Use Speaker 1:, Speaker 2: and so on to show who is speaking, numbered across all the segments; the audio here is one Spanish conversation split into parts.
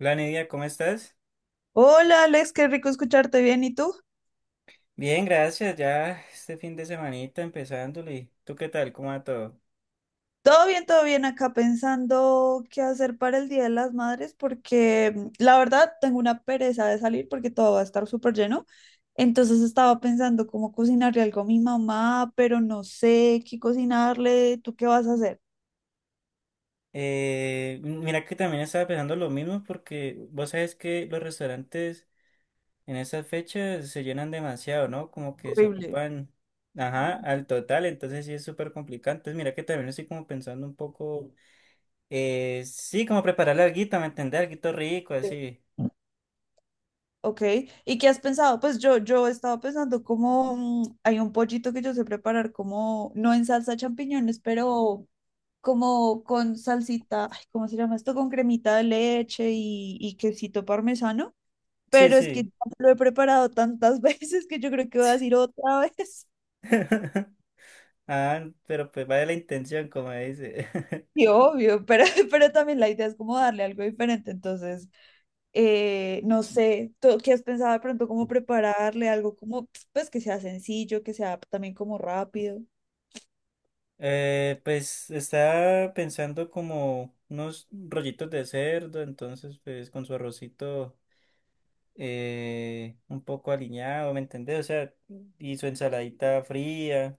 Speaker 1: Hola Nidia, ¿cómo estás?
Speaker 2: Hola Alex, qué rico escucharte bien. ¿Y tú?
Speaker 1: Bien, gracias. Ya este fin de semanita empezándole. ¿Tú qué tal? ¿Cómo va todo?
Speaker 2: Todo bien acá pensando qué hacer para el Día de las Madres porque la verdad tengo una pereza de salir porque todo va a estar súper lleno. Entonces estaba pensando cómo cocinarle algo a mi mamá, pero no sé qué cocinarle. ¿Tú qué vas a hacer?
Speaker 1: Mira que también estaba pensando lo mismo porque vos sabes que los restaurantes en esas fechas se llenan demasiado, ¿no? Como que se
Speaker 2: Horrible.
Speaker 1: ocupan, ajá, al total. Entonces sí es súper complicado. Entonces mira que también estoy como pensando un poco, sí, como preparar alguito, ¿me entendés? Alguito rico,
Speaker 2: Sí.
Speaker 1: así.
Speaker 2: Ok, ¿y qué has pensado? Pues yo estaba pensando como hay un pollito que yo sé preparar como, no en salsa de champiñones, pero como con salsita, ay, ¿cómo se llama esto? Con cremita de leche y quesito parmesano,
Speaker 1: Sí,
Speaker 2: pero es que
Speaker 1: sí.
Speaker 2: ya lo he preparado tantas veces que yo creo que voy a decir otra vez.
Speaker 1: Ah, pero pues vaya la intención, como dice.
Speaker 2: Y obvio, pero, pero también la idea es como darle algo diferente, entonces, no sé, ¿tú qué has pensado de pronto cómo prepararle algo como, pues que sea sencillo, que sea también como rápido?
Speaker 1: Pues estaba pensando como unos rollitos de cerdo, entonces pues con su arrocito un poco aliñado, ¿me entendés? O sea, y su ensaladita fría.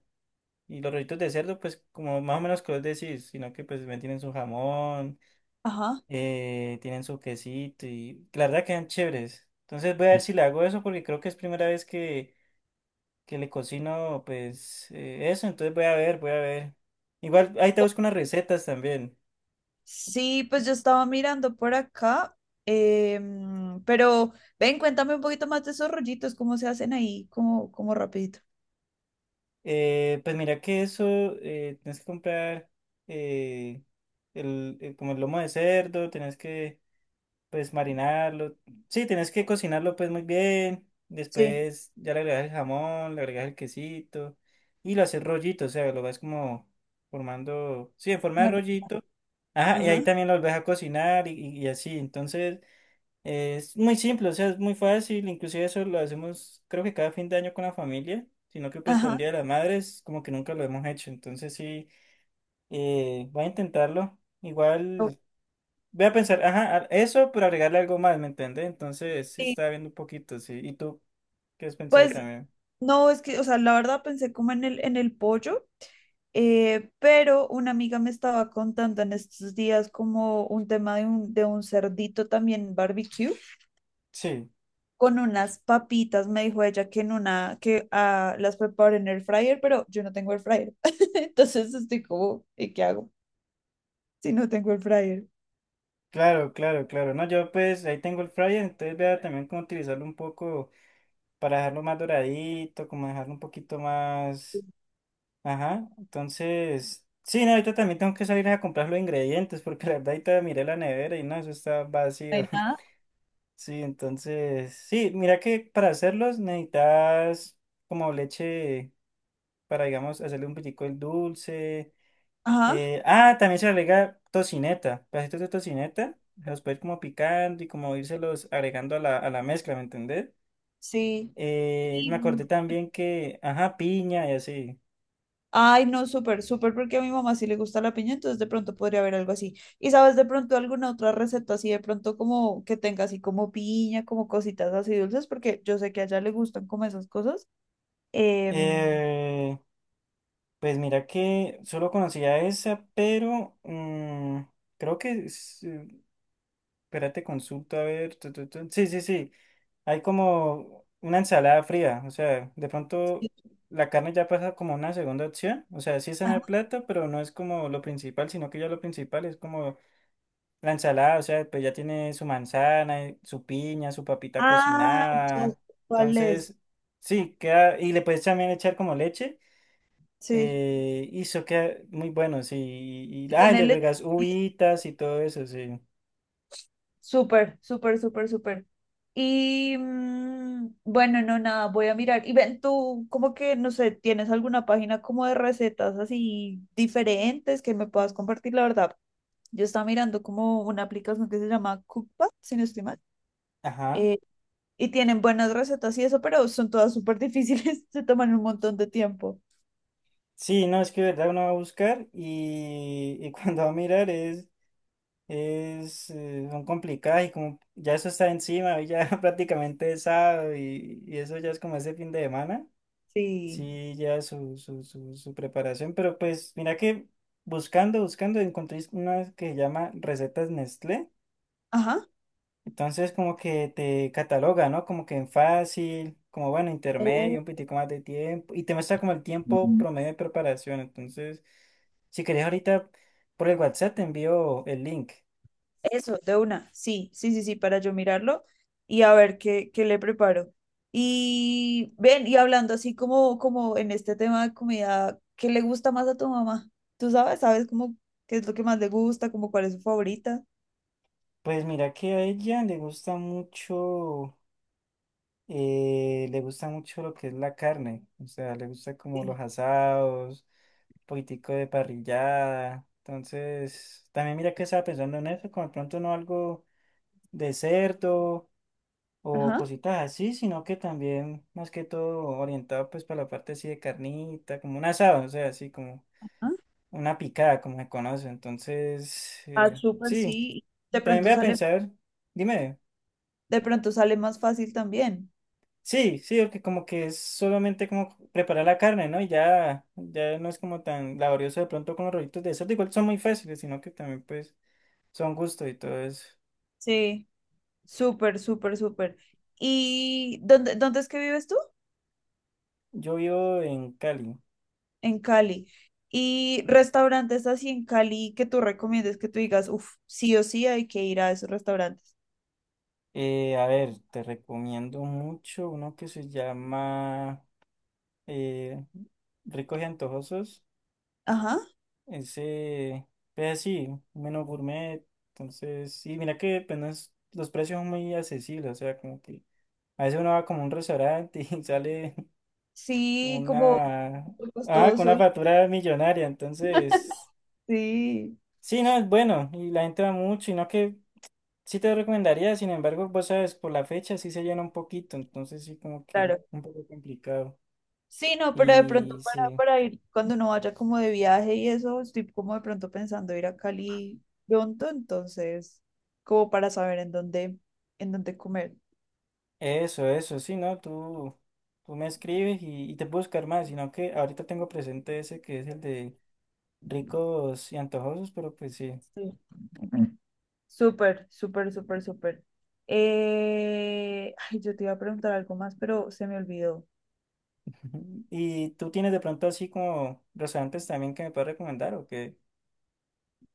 Speaker 1: Y los rollitos de cerdo, pues como más o menos que vos decís, sino que pues también tienen su jamón,
Speaker 2: Ajá.
Speaker 1: tienen su quesito y la verdad quedan chéveres. Entonces voy a ver si le hago eso porque creo que es primera vez que le cocino, pues eso. Entonces voy a ver, voy a ver. Igual ahí te busco unas recetas también.
Speaker 2: Sí, pues yo estaba mirando por acá, pero ven, cuéntame un poquito más de esos rollitos, cómo se hacen ahí, como, como rapidito.
Speaker 1: Pues mira que eso, tienes que comprar eh, como el lomo de cerdo. Tienes que pues marinarlo. Sí, tienes que cocinarlo pues muy bien.
Speaker 2: Sí,
Speaker 1: Después ya le agregas el jamón, le agregas el quesito y lo haces rollito, o sea, lo vas como formando, sí, en forma de
Speaker 2: bueno,
Speaker 1: rollito. Ajá, y ahí
Speaker 2: ajá,
Speaker 1: también lo volvés a cocinar y así. Entonces... Es muy simple, o sea, es muy fácil, inclusive eso lo hacemos creo que cada fin de año con la familia, sino que pues para un
Speaker 2: ajá.
Speaker 1: Día de las Madres como que nunca lo hemos hecho. Entonces sí, voy a intentarlo,
Speaker 2: o-
Speaker 1: igual voy a pensar, ajá, eso, pero agregarle algo más, ¿me entiendes? Entonces sí,
Speaker 2: Sí,
Speaker 1: estaba viendo un poquito, sí, ¿y tú qué has pensado
Speaker 2: pues
Speaker 1: también?
Speaker 2: no, es que, o sea, la verdad pensé como en el pollo, pero una amiga me estaba contando en estos días como un tema de un cerdito también barbecue.
Speaker 1: Sí,
Speaker 2: Con unas papitas, me dijo ella que en una, que ah, las preparé en el fryer, pero yo no tengo el fryer. Entonces estoy como, ¿y qué hago si no tengo el fryer?
Speaker 1: claro, claro, claro, no, yo pues ahí tengo el fryer, entonces voy a también como utilizarlo un poco para dejarlo más doradito, como dejarlo un poquito más... Ajá, entonces, sí, no, ahorita también tengo que salir a comprar los ingredientes porque la verdad ahorita miré la nevera y no, eso está
Speaker 2: No
Speaker 1: vacío.
Speaker 2: hay nada.
Speaker 1: Sí, entonces, sí, mira que para hacerlos necesitas como leche para, digamos, hacerle un poquito el dulce.
Speaker 2: Ajá,
Speaker 1: También se le agrega tocineta, pedacitos de tocineta, los puedes como picando y como irselos agregando a a la mezcla, ¿me entendés?
Speaker 2: sí.
Speaker 1: Me
Speaker 2: Y,
Speaker 1: acordé también que, ajá, piña y así.
Speaker 2: ay, no, súper, súper, porque a mi mamá sí le gusta la piña, entonces de pronto podría haber algo así. ¿Y sabes de pronto alguna otra receta así, de pronto como que tenga así como piña, como cositas así dulces? Porque yo sé que a ella le gustan como esas cosas. Em,
Speaker 1: Eh, Pues mira que solo conocía esa, pero creo que... es, espérate, consulta, a ver. Tu, tu, tu. Sí, sí, sí. Hay como una ensalada fría. O sea, de
Speaker 2: sí.
Speaker 1: pronto la carne ya pasa como una segunda opción. O sea, sí está en el
Speaker 2: Ajá.
Speaker 1: plato, pero no es como lo principal, sino que ya lo principal es como la ensalada. O sea, pues ya tiene su manzana, su piña, su papita
Speaker 2: Ah, ya sé,
Speaker 1: cocinada.
Speaker 2: ¿cuál es?
Speaker 1: Entonces, sí, queda... Y le puedes también echar como leche.
Speaker 2: Sí.
Speaker 1: Y eso queda muy bueno, sí.
Speaker 2: Y
Speaker 1: Le
Speaker 2: tenerle
Speaker 1: agregas uvitas y todo eso, sí.
Speaker 2: súper, súper, súper, súper. Y bueno, no, nada, voy a mirar. Y ven, tú, como que, no sé, ¿tienes alguna página como de recetas así diferentes que me puedas compartir? La verdad, yo estaba mirando como una aplicación que se llama Cookpad, si no estoy mal.
Speaker 1: Ajá.
Speaker 2: eh, y tienen buenas recetas y eso, pero son todas súper difíciles, se toman un montón de tiempo.
Speaker 1: Sí, no, es que de verdad uno va a buscar y cuando va a mirar son complicadas y como ya eso está encima, y ya prácticamente es sábado y eso ya es como ese fin de semana.
Speaker 2: Sí.
Speaker 1: Sí, ya su preparación, pero pues mira que buscando encontré una que se llama Recetas Nestlé.
Speaker 2: Ajá.
Speaker 1: Entonces como que te cataloga, ¿no? Como que en fácil, como bueno, intermedio,
Speaker 2: Oh.
Speaker 1: un poquitico más de tiempo, y te muestra como el tiempo promedio de preparación. Entonces, si querés ahorita por el WhatsApp te envío el link.
Speaker 2: Eso, de una. Sí, sí, sí, sí, para yo mirarlo y a ver qué le preparo. Y ven, y hablando así como, como en este tema de comida, ¿qué le gusta más a tu mamá? ¿Tú sabes? ¿Sabes cómo qué es lo que más le gusta? ¿Cómo cuál es su favorita?
Speaker 1: Pues mira que a ella le gusta mucho lo que es la carne, o sea, le gusta como
Speaker 2: Sí.
Speaker 1: los asados, un poquitico de parrillada. Entonces, también mira que estaba pensando en eso, como de pronto no algo de cerdo o
Speaker 2: Ajá.
Speaker 1: cositas así, sino que también más que todo orientado pues para la parte así de carnita, como un asado, o sea, así como
Speaker 2: Ah,
Speaker 1: una picada, como se conoce. Entonces,
Speaker 2: ah, súper,
Speaker 1: sí,
Speaker 2: sí. De
Speaker 1: también
Speaker 2: pronto
Speaker 1: voy a
Speaker 2: sale,
Speaker 1: pensar, dime,
Speaker 2: de pronto sale más fácil también.
Speaker 1: sí, sí, porque como que es solamente como preparar la carne, ¿no? Ya no es como tan laborioso de pronto con los rollitos de cerdo, igual son muy fáciles, sino que también pues son gusto y todo eso.
Speaker 2: Sí, súper, súper, súper. ¿Y dónde es que vives tú?
Speaker 1: Yo vivo en Cali.
Speaker 2: En Cali. Y restaurantes así en Cali que tú recomiendes que tú digas, uff, sí o sí hay que ir a esos restaurantes.
Speaker 1: A ver, te recomiendo mucho uno que se llama eh, ricos y antojosos.
Speaker 2: Ajá,
Speaker 1: Ese, pues sí, menos gourmet. Entonces, sí, mira que pues, no es- los precios son muy accesibles. O sea, como que a veces uno va como a un restaurante y sale
Speaker 2: sí, como
Speaker 1: una, con
Speaker 2: costoso.
Speaker 1: una factura millonaria. Entonces,
Speaker 2: Sí,
Speaker 1: sí, no, es bueno. Y la gente va mucho. Y no que sí te recomendaría, sin embargo, vos sabes, por la fecha sí se llena un poquito. Entonces, sí, como que
Speaker 2: claro.
Speaker 1: un poco complicado.
Speaker 2: Sí, no, pero de
Speaker 1: Y
Speaker 2: pronto
Speaker 1: sí.
Speaker 2: para ir, cuando uno vaya como de viaje y eso, estoy como de pronto pensando ir a Cali pronto, entonces, como para saber en dónde comer.
Speaker 1: Eso, sí, ¿no? Tú me escribes y te puedo buscar más, sino que ahorita tengo presente ese que es el de ricos y antojosos, pero pues sí.
Speaker 2: Sí. Súper, súper, súper, súper. Ay, yo te iba a preguntar algo más, pero se me olvidó.
Speaker 1: ¿Y tú tienes de pronto así como restaurantes también que me puedas recomendar o qué?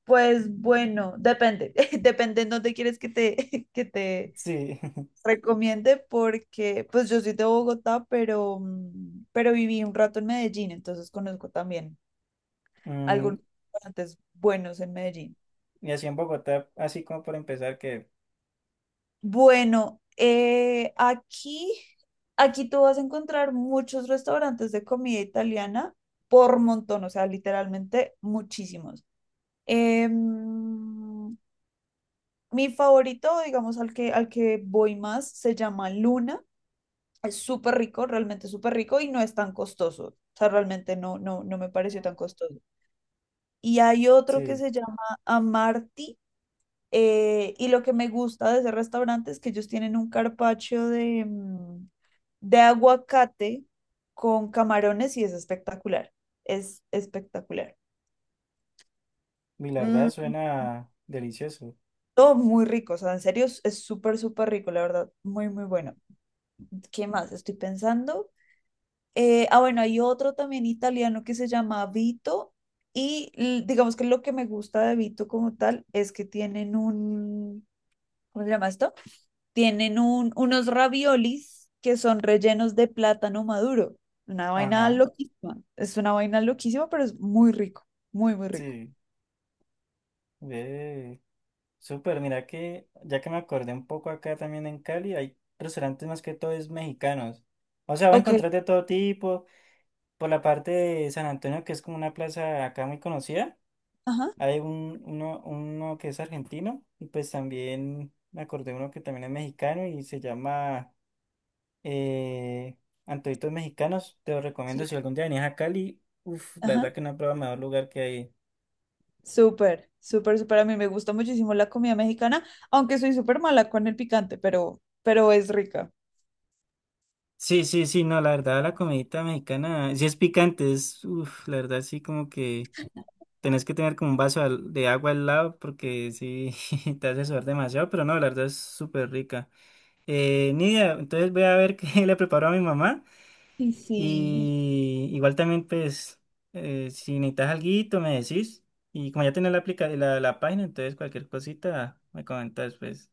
Speaker 2: Pues bueno, depende, depende en dónde quieres que te, que te
Speaker 1: Sí.
Speaker 2: recomiende, porque pues yo soy de Bogotá, pero, pero viví un rato en Medellín, entonces conozco también
Speaker 1: Mm,
Speaker 2: algunos restaurantes buenos en Medellín.
Speaker 1: y así en Bogotá, así como por empezar, que
Speaker 2: Bueno, aquí, aquí tú vas a encontrar muchos restaurantes de comida italiana por montón, o sea, literalmente muchísimos. Em, mi favorito, digamos, al que voy más, se llama Luna. Es súper rico, realmente súper rico y no es tan costoso. O sea, realmente no, no, no me pareció tan costoso. Y hay otro que
Speaker 1: sí,
Speaker 2: se llama Amarti. Y lo que me gusta de ese restaurante es que ellos tienen un carpaccio de, de aguacate con camarones y es espectacular. Es espectacular.
Speaker 1: mi la verdad
Speaker 2: Mm,
Speaker 1: suena delicioso.
Speaker 2: todo muy rico, o sea, en serio es súper, súper rico, la verdad, muy, muy bueno. ¿Qué más? Estoy pensando. Ah, bueno, hay otro también italiano que se llama Vito y digamos que lo que me gusta de Vito como tal es que tienen un, ¿cómo se llama esto? Tienen un, unos raviolis que son rellenos de plátano maduro. Una vaina
Speaker 1: Ajá,
Speaker 2: loquísima. Es una vaina loquísima, pero es muy rico, muy, muy rico.
Speaker 1: sí, ve. Súper, mira que ya que me acordé un poco acá también en Cali, hay restaurantes más que todo es mexicanos. O sea, va a
Speaker 2: Ok,
Speaker 1: encontrar de todo tipo. Por la parte de San Antonio, que es como una plaza acá muy conocida,
Speaker 2: ajá,
Speaker 1: hay uno que es argentino y pues también me acordé uno que también es mexicano y se llama eh, Antojitos Mexicanos. Te lo recomiendo
Speaker 2: sí,
Speaker 1: si algún día venís a Cali. Uf, la
Speaker 2: ajá.
Speaker 1: verdad que no he probado mejor lugar que hay.
Speaker 2: Súper, súper, súper. A mí me gusta muchísimo la comida mexicana, aunque soy súper mala con el picante, pero es rica.
Speaker 1: Sí, sí, sí, no, la verdad, la comidita mexicana, sí es picante, es, uff, la verdad, sí, como que tenés que tener como un vaso de agua al lado porque sí, te hace sudar demasiado, pero no, la verdad es súper rica. Nidia, entonces voy a ver qué le preparo a mi mamá
Speaker 2: Y sí.
Speaker 1: y igual también, pues, si necesitas alguito, me decís. Y como ya tenés aplica la página, entonces cualquier cosita me comentas, pues.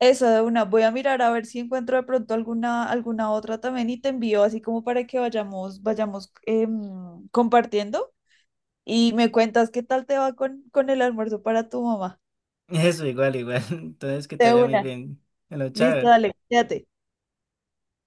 Speaker 2: Eso de una, voy a mirar a ver si encuentro de pronto alguna, alguna otra también y te envío así como para que vayamos, vayamos compartiendo. Y me cuentas qué tal te va con el almuerzo para tu mamá.
Speaker 1: Eso, igual, igual. Entonces, que te
Speaker 2: De
Speaker 1: vaya muy
Speaker 2: una.
Speaker 1: bien. Bueno,
Speaker 2: Listo,
Speaker 1: chao.
Speaker 2: dale, quédate.